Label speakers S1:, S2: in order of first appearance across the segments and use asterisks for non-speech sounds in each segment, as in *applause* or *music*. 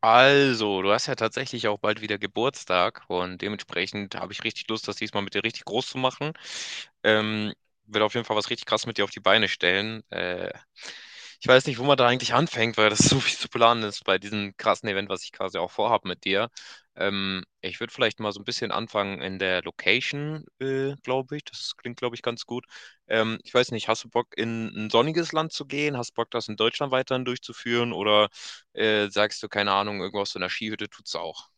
S1: Also, du hast ja tatsächlich auch bald wieder Geburtstag und dementsprechend habe ich richtig Lust, das diesmal mit dir richtig groß zu machen. Ähm, will auf jeden Fall was richtig krass mit dir auf die Beine stellen. Ich weiß nicht, wo man da eigentlich anfängt, weil das *laughs* so viel zu planen ist bei diesem krassen Event, was ich quasi auch vorhabe mit dir. Ich würde vielleicht mal so ein bisschen anfangen in der Location, glaube ich. Das klingt, glaube ich, ganz gut. Ich weiß nicht, hast du Bock, in ein sonniges Land zu gehen? Hast du Bock, das in Deutschland weiterhin durchzuführen, oder sagst du, keine Ahnung, irgendwo aus so einer Skihütte tut's auch.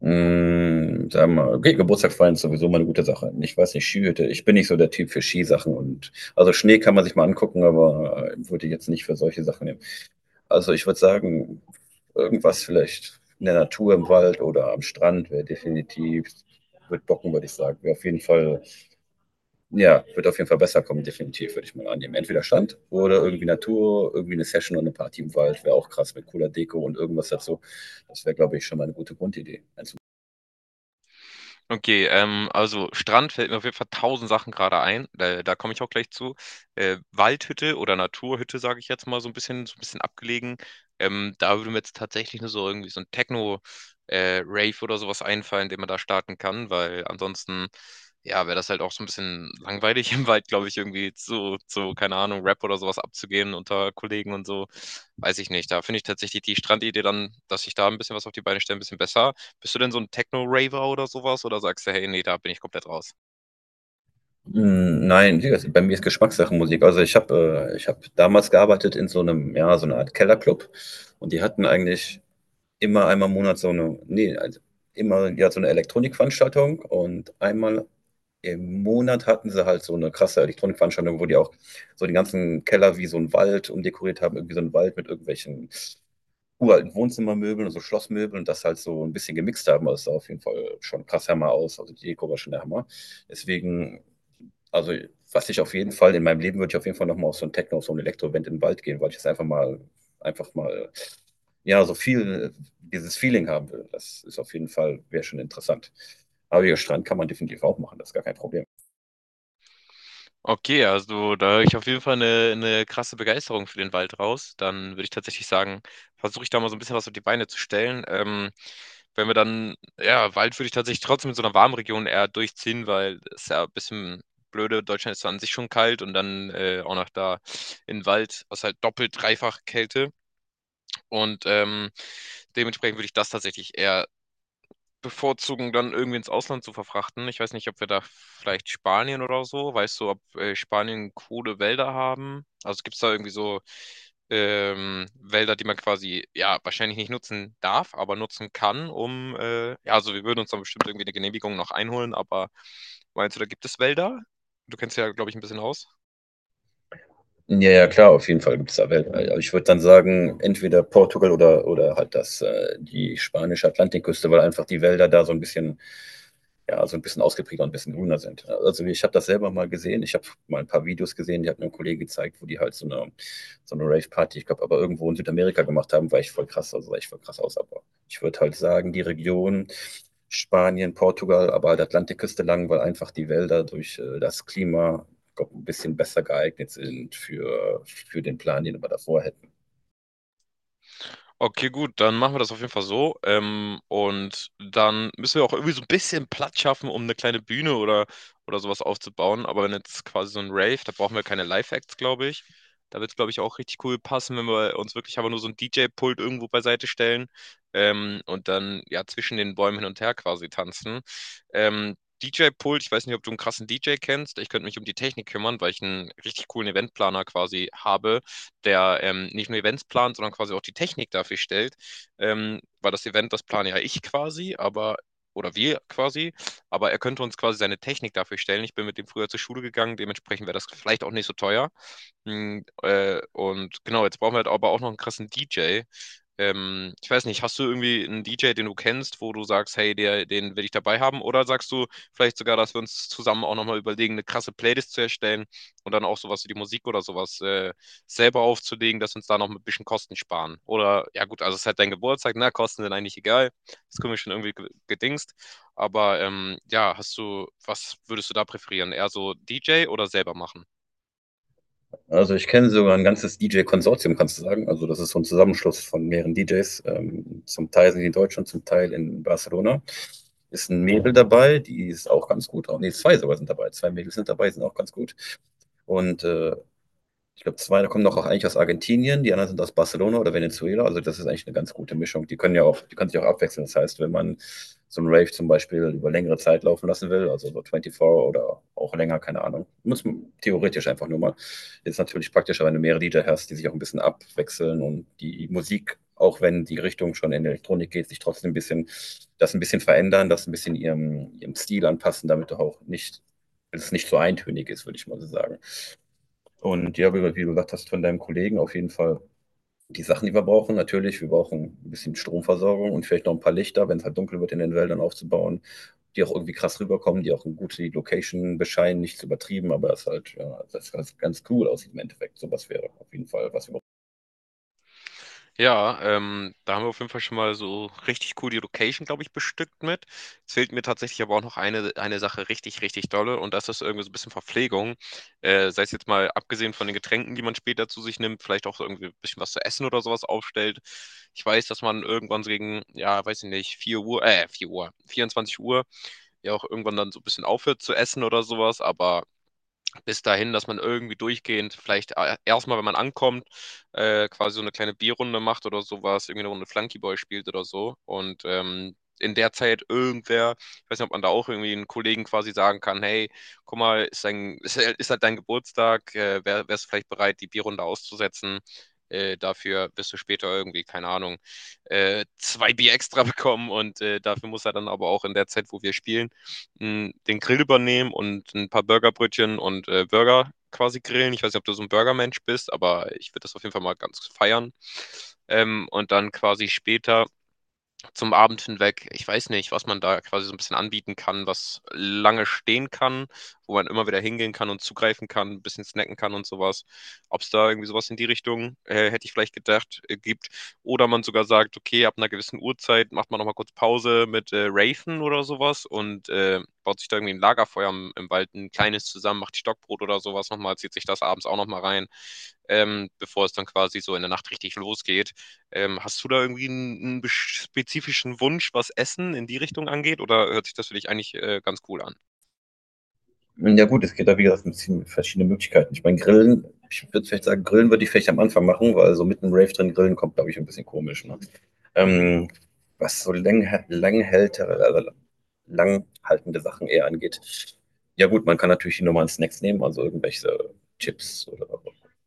S2: Hm, sagen wir okay, Geburtstag feiern ist sowieso mal eine gute Sache. Ich weiß nicht, Skihütte ich bin nicht so der Typ für Skisachen und also, Schnee kann man sich mal angucken, aber, würde ich jetzt nicht für solche Sachen nehmen. Also, ich würde sagen, irgendwas vielleicht in der Natur, im Wald oder am Strand wäre definitiv würde bocken, würde ich sagen. Wäre auf jeden Fall ja, wird auf jeden Fall besser kommen, definitiv, würde ich mal annehmen. Entweder Strand oder irgendwie Natur, irgendwie eine Session und eine Party im Wald wäre auch krass mit cooler Deko und irgendwas dazu. Das wäre, glaube ich, schon mal eine gute Grundidee. Als
S1: Okay, also Strand fällt mir auf jeden Fall tausend Sachen gerade ein. Da komme ich auch gleich zu. Waldhütte oder Naturhütte, sage ich jetzt mal, so ein bisschen abgelegen. Da würde mir jetzt tatsächlich nur so irgendwie so ein Techno, Rave oder sowas einfallen, den man da starten kann, weil ansonsten, ja, wäre das halt auch so ein bisschen langweilig *laughs* im Wald, glaube ich, irgendwie zu, keine Ahnung, Rap oder sowas abzugehen unter Kollegen und so. Weiß ich nicht. Da finde ich tatsächlich die Strandidee dann, dass ich da ein bisschen was auf die Beine stelle, ein bisschen besser. Bist du denn so ein Techno-Raver oder sowas? Oder sagst du, hey, nee, da bin ich komplett raus?
S2: Hm, nein, wie gesagt, bei mir ist Geschmackssache Musik. Also, ich habe damals gearbeitet in so einem, ja, so einer Art Kellerclub und die hatten eigentlich immer einmal im Monat so eine, nee, also, immer ja, so eine Elektronikveranstaltung und einmal im Monat hatten sie halt so eine krasse Elektronikveranstaltung, wo die auch so den ganzen Keller wie so einen Wald umdekoriert haben, irgendwie so einen Wald mit irgendwelchen uralten Wohnzimmermöbeln und so Schlossmöbeln und das halt so ein bisschen gemixt haben. Also, es sah auf jeden Fall schon krass Hammer aus. Also, die Deko war schon der Hammer. Deswegen also, was ich auf jeden Fall in meinem Leben würde ich auf jeden Fall noch mal auf so ein Techno, auf so ein Elektro-Event in den Wald gehen, weil ich das einfach mal einfach mal, ja, so viel dieses Feeling haben will. Das ist auf jeden Fall wäre schon interessant. Aber ja, Strand kann man definitiv auch machen, das ist gar kein Problem.
S1: Okay, also da höre ich auf jeden Fall eine krasse Begeisterung für den Wald raus. Dann würde ich tatsächlich sagen, versuche ich da mal so ein bisschen was auf die Beine zu stellen. Wenn wir dann, ja, Wald würde ich tatsächlich trotzdem in so einer warmen Region eher durchziehen, weil es ist ja ein bisschen blöde. Deutschland ist zwar an sich schon kalt und dann auch noch da in Wald, was halt doppelt, dreifach Kälte. Und dementsprechend würde ich das tatsächlich eher bevorzugen, dann irgendwie ins Ausland zu verfrachten. Ich weiß nicht, ob wir da vielleicht Spanien oder so, weißt du, ob Spanien coole Wälder haben? Also gibt es da irgendwie so Wälder, die man quasi, ja, wahrscheinlich nicht nutzen darf, aber nutzen kann, um, ja, also wir würden uns dann bestimmt irgendwie eine Genehmigung noch einholen, aber meinst du, da gibt es Wälder? Du kennst ja, glaube ich, ein bisschen aus.
S2: Ja, ja, klar, auf jeden Fall gibt es da Wellen. Also, ich würde dann sagen, entweder Portugal oder halt das die spanische Atlantikküste, weil einfach die Wälder da so ein bisschen ja, so ein bisschen ausgeprägter und ein bisschen grüner sind. Also ich habe das selber mal gesehen. Ich habe mal ein paar Videos gesehen, die hat mir ein Kollege gezeigt, wo die halt so eine Rave-Party, ich glaube, aber irgendwo in Südamerika gemacht haben, war ich voll krass, also sah ich voll krass aus. Aber ich würde halt sagen, die Region Spanien, Portugal, aber halt Atlantikküste lang, weil einfach die Wälder durch das Klima glaub, ein bisschen besser geeignet sind für den Plan, den wir davor hätten.
S1: Okay, gut, dann machen wir das auf jeden Fall so. Und dann müssen wir auch irgendwie so ein bisschen Platz schaffen, um eine kleine Bühne oder sowas aufzubauen. Aber wenn jetzt quasi so ein Rave, da brauchen wir keine Live-Acts, glaube ich. Da wird es, glaube ich, auch richtig cool passen, wenn wir uns wirklich aber nur so ein DJ-Pult irgendwo beiseite stellen und dann ja zwischen den Bäumen hin und her quasi tanzen. Ähm, DJ-Pult, ich weiß nicht, ob du einen krassen DJ kennst. Ich könnte mich um die Technik kümmern, weil ich einen richtig coolen Eventplaner quasi habe, der nicht nur Events plant, sondern quasi auch die Technik dafür stellt. Weil das Event, das plane ja ich quasi, aber oder wir quasi, aber er könnte uns quasi seine Technik dafür stellen. Ich bin mit dem früher zur Schule gegangen, dementsprechend wäre das vielleicht auch nicht so teuer. Und genau, jetzt brauchen wir halt aber auch noch einen krassen DJ. Ich weiß nicht, hast du irgendwie einen DJ, den du kennst, wo du sagst, hey, der, den will ich dabei haben? Oder sagst du vielleicht sogar, dass wir uns zusammen auch nochmal überlegen, eine krasse Playlist zu erstellen und dann auch sowas wie die Musik oder sowas selber aufzulegen, dass wir uns da noch ein bisschen Kosten sparen? Oder, ja gut, also es ist halt dein Geburtstag, na, Kosten sind eigentlich egal. Das können wir schon irgendwie gedingst. Aber ja, was würdest du da präferieren? Eher so DJ oder selber machen?
S2: Also ich kenne sogar ein ganzes DJ-Konsortium, kannst du sagen. Also das ist so ein Zusammenschluss von mehreren DJs. Zum Teil sind die in Deutschland, zum Teil in Barcelona. Ist ein Mädel dabei, die ist auch ganz gut. Auch, nee, zwei sogar sind dabei. Zwei Mädels sind dabei, sind auch ganz gut. Und ich glaube, zwei da kommen noch auch eigentlich aus Argentinien, die anderen sind aus Barcelona oder Venezuela. Also das ist eigentlich eine ganz gute Mischung. Die können ja auch, die können sich auch abwechseln. Das heißt, wenn man so einen Rave zum Beispiel über längere Zeit laufen lassen will, also so 24 oder auch länger, keine Ahnung, muss man theoretisch einfach nur mal. Ist natürlich praktischer, wenn du mehrere Lieder hast, die sich auch ein bisschen abwechseln und die Musik, auch wenn die Richtung schon in Elektronik geht, sich trotzdem ein bisschen, das ein bisschen verändern, das ein bisschen ihrem Stil anpassen, damit du auch nicht, dass es nicht so eintönig ist, würde ich mal so sagen. Und ja, wie du gesagt hast, von deinem Kollegen auf jeden Fall die Sachen, die wir brauchen. Natürlich, wir brauchen ein bisschen Stromversorgung und vielleicht noch ein paar Lichter, wenn es halt dunkel wird in den Wäldern aufzubauen, die auch irgendwie krass rüberkommen, die auch eine gute Location bescheinen, nichts übertrieben, aber es halt, ja, das ganz, ganz cool aussieht im Endeffekt. Sowas wäre auf jeden Fall, was wir brauchen.
S1: Ja, da haben wir auf jeden Fall schon mal so richtig cool die Location, glaube ich, bestückt mit. Jetzt fehlt mir tatsächlich aber auch noch eine Sache richtig, richtig dolle und das ist irgendwie so ein bisschen Verpflegung. Sei es jetzt mal abgesehen von den Getränken, die man später zu sich nimmt, vielleicht auch irgendwie ein bisschen was zu essen oder sowas aufstellt. Ich weiß, dass man irgendwann so gegen, ja, weiß ich nicht, 4 Uhr, 4 Uhr, 24 Uhr ja auch irgendwann dann so ein bisschen aufhört zu essen oder sowas, aber bis dahin, dass man irgendwie durchgehend vielleicht erstmal, wenn man ankommt, quasi so eine kleine Bierrunde macht oder sowas, irgendwie eine Runde Flunkyball spielt oder so. Und in der Zeit irgendwer, ich weiß nicht, ob man da auch irgendwie einen Kollegen quasi sagen kann, hey, guck mal, *laughs* ist halt dein Geburtstag, wärst du vielleicht bereit, die Bierrunde auszusetzen? Dafür wirst du später irgendwie, keine Ahnung, zwei Bier extra *laughs* bekommen und dafür muss er dann aber auch in der Zeit, wo wir spielen, den Grill übernehmen und ein paar Burgerbrötchen und Burger quasi grillen. Ich weiß nicht, ob du so ein Burgermensch bist, aber ich würde das auf jeden Fall mal ganz feiern. Und dann quasi später zum Abend hinweg. Ich weiß nicht, was man da quasi so ein bisschen anbieten kann, was lange stehen kann, wo man immer wieder hingehen kann und zugreifen kann, ein bisschen snacken kann und sowas. Ob es da irgendwie sowas in die Richtung, hätte ich vielleicht gedacht, gibt. Oder man sogar sagt, okay, ab einer gewissen Uhrzeit macht man nochmal kurz Pause mit Raven oder sowas und baut sich da irgendwie ein Lagerfeuer im Wald, ein kleines zusammen, macht Stockbrot oder sowas nochmal, zieht sich das abends auch nochmal rein, bevor es dann quasi so in der Nacht richtig losgeht. Hast du da irgendwie einen, spezifischen Wunsch, was Essen in die Richtung angeht, oder hört sich das für dich eigentlich ganz cool an?
S2: Ja gut, es geht da wie gesagt ein bisschen mit verschiedenen Möglichkeiten. Ich meine, Grillen, ich würde vielleicht sagen, Grillen würde ich vielleicht am Anfang machen, weil so mitten im Rave drin grillen kommt, glaube ich, ein bisschen komisch. Ne? Ähm, Was so lang, langhältere, also langhaltende Sachen eher angeht. Ja gut, man kann natürlich die normalen Snacks nehmen, also irgendwelche Chips oder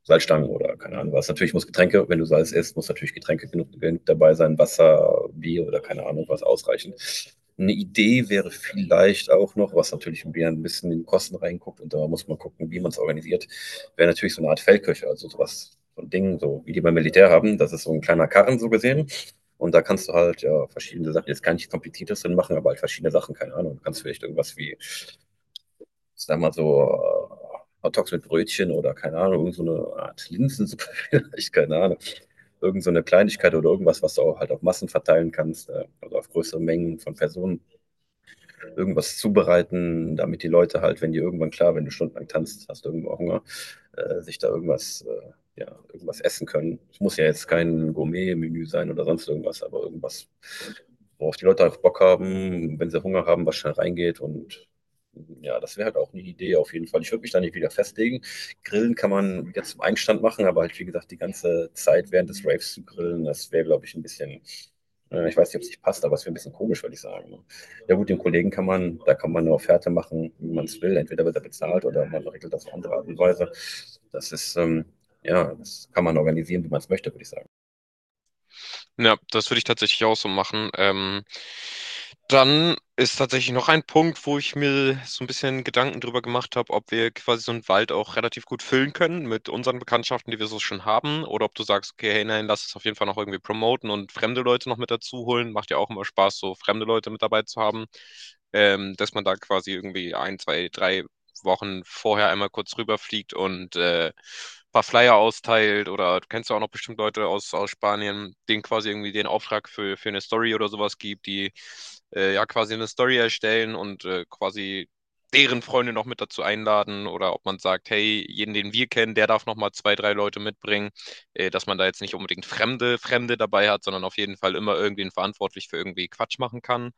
S2: Salzstangen oder keine Ahnung was. Natürlich muss Getränke, wenn du Salz isst, muss natürlich Getränke genug, genug dabei sein, Wasser, Bier oder keine Ahnung was ausreichen. Eine Idee wäre vielleicht auch noch, was natürlich ein bisschen- in die Kosten reinguckt und da muss man gucken, wie man es organisiert, wäre natürlich so eine Art Feldköche, also sowas, so ein Ding, so wie die beim Militär haben. Das ist so ein kleiner Karren so gesehen. Und da kannst du halt ja verschiedene Sachen, jetzt gar nicht kompliziertes drin machen, aber halt verschiedene Sachen, keine Ahnung. Du kannst vielleicht irgendwas wie ich sag mal so, Hotdogs mit Brötchen oder keine Ahnung, irgend so eine Art Linsensuppe *laughs* vielleicht, keine Ahnung. Irgend so eine Kleinigkeit oder irgendwas, was du auch halt auf Massen verteilen kannst, also auf größere Mengen von Personen irgendwas zubereiten, damit die Leute halt, wenn die irgendwann klar, wenn du stundenlang tanzt, hast du irgendwo Hunger, sich da irgendwas, ja, irgendwas essen können. Es muss ja jetzt kein Gourmet-Menü sein oder sonst irgendwas, aber irgendwas, worauf die Leute auch Bock haben, wenn sie Hunger haben, was schnell reingeht und ja, das wäre halt auch eine Idee auf jeden Fall. Ich würde mich da nicht wieder festlegen. Grillen kann man wieder zum Einstand machen, aber halt, wie gesagt, die ganze Zeit während des Raves zu grillen, das wäre, glaube ich, ein bisschen ich weiß nicht, ob es nicht passt, aber es wäre ein bisschen komisch, würde ich sagen. Ne? Ja gut, den Kollegen kann man, da kann man eine Offerte machen, wie man es will. Entweder wird er bezahlt oder man regelt das auf andere Art und Weise. Das ist, ja, das kann man organisieren, wie man es möchte, würde ich sagen.
S1: Ja, das würde ich tatsächlich auch so machen. Dann ist tatsächlich noch ein Punkt, wo ich mir so ein bisschen Gedanken drüber gemacht habe, ob wir quasi so einen Wald auch relativ gut füllen können mit unseren Bekanntschaften, die wir so schon haben, oder ob du sagst, okay, hey, nein, lass es auf jeden Fall noch irgendwie promoten und fremde Leute noch mit dazu holen. Macht ja auch immer Spaß, so fremde Leute mit dabei zu haben, dass man da quasi irgendwie ein, zwei, drei Wochen vorher einmal kurz rüberfliegt und ein paar Flyer austeilt oder du kennst ja auch noch bestimmt Leute aus Spanien, denen quasi irgendwie den Auftrag für eine Story oder sowas gibt, die ja quasi eine Story erstellen und quasi deren Freunde noch mit dazu einladen oder ob man sagt, hey, jeden, den wir kennen, der darf noch mal zwei, drei Leute mitbringen, dass man da jetzt nicht unbedingt Fremde dabei hat, sondern auf jeden Fall immer irgendwen verantwortlich für irgendwie Quatsch machen kann.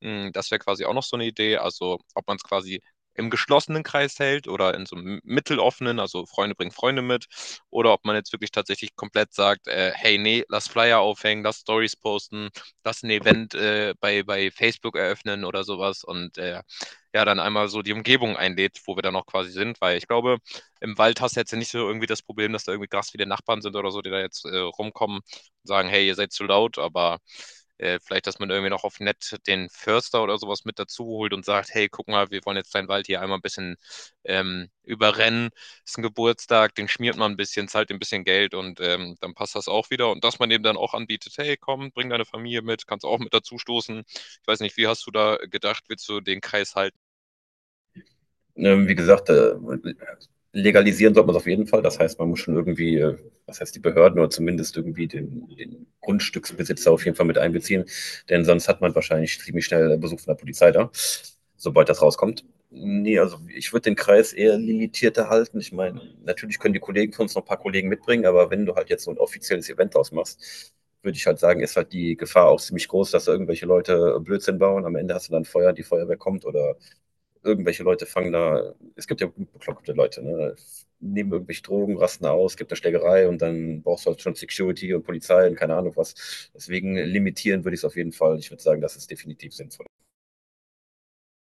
S1: Das wäre quasi auch noch so eine Idee. Also ob man es quasi im geschlossenen Kreis hält oder in so einem mitteloffenen, also Freunde bringen Freunde mit, oder ob man jetzt wirklich tatsächlich komplett sagt, hey, nee, lass Flyer aufhängen, lass Stories posten, lass ein Event bei Facebook eröffnen oder sowas und ja, dann einmal so die Umgebung einlädt, wo wir dann auch quasi sind, weil ich glaube, im Wald hast du jetzt ja nicht so irgendwie das Problem, dass da irgendwie krass viele Nachbarn sind oder so, die da jetzt rumkommen sagen, hey, ihr seid zu laut, aber vielleicht, dass man irgendwie noch auf nett den Förster oder sowas mit dazu holt und sagt, hey, guck mal, wir wollen jetzt deinen Wald hier einmal ein bisschen überrennen. Ist ein Geburtstag, den schmiert man ein bisschen, zahlt ein bisschen Geld und dann passt das auch wieder. Und dass man eben dann auch anbietet, hey, komm, bring deine Familie mit, kannst auch mit dazu stoßen. Ich weiß nicht, wie hast du da gedacht, willst du den Kreis halten?
S2: Wie gesagt, legalisieren sollte man es auf jeden Fall. Das heißt, man muss schon irgendwie, was heißt die Behörden oder zumindest irgendwie den Grundstücksbesitzer auf jeden Fall mit einbeziehen. Denn sonst hat man wahrscheinlich ziemlich schnell Besuch von der Polizei da, sobald das rauskommt. Nee, also ich würde den Kreis eher limitierter halten. Ich meine, natürlich können die Kollegen von uns noch ein paar Kollegen mitbringen, aber wenn du halt jetzt so ein offizielles Event ausmachst, würde ich halt sagen, ist halt die Gefahr auch ziemlich groß, dass da irgendwelche Leute Blödsinn bauen. Am Ende hast du dann Feuer, die Feuerwehr kommt oder irgendwelche Leute fangen da, es gibt ja bekloppte Leute, ne? Nehmen irgendwelche Drogen, rasten aus, gibt eine Schlägerei und dann brauchst du halt schon Security und Polizei und keine Ahnung was. Deswegen limitieren würde ich es auf jeden Fall. Ich würde sagen, das ist definitiv sinnvoll.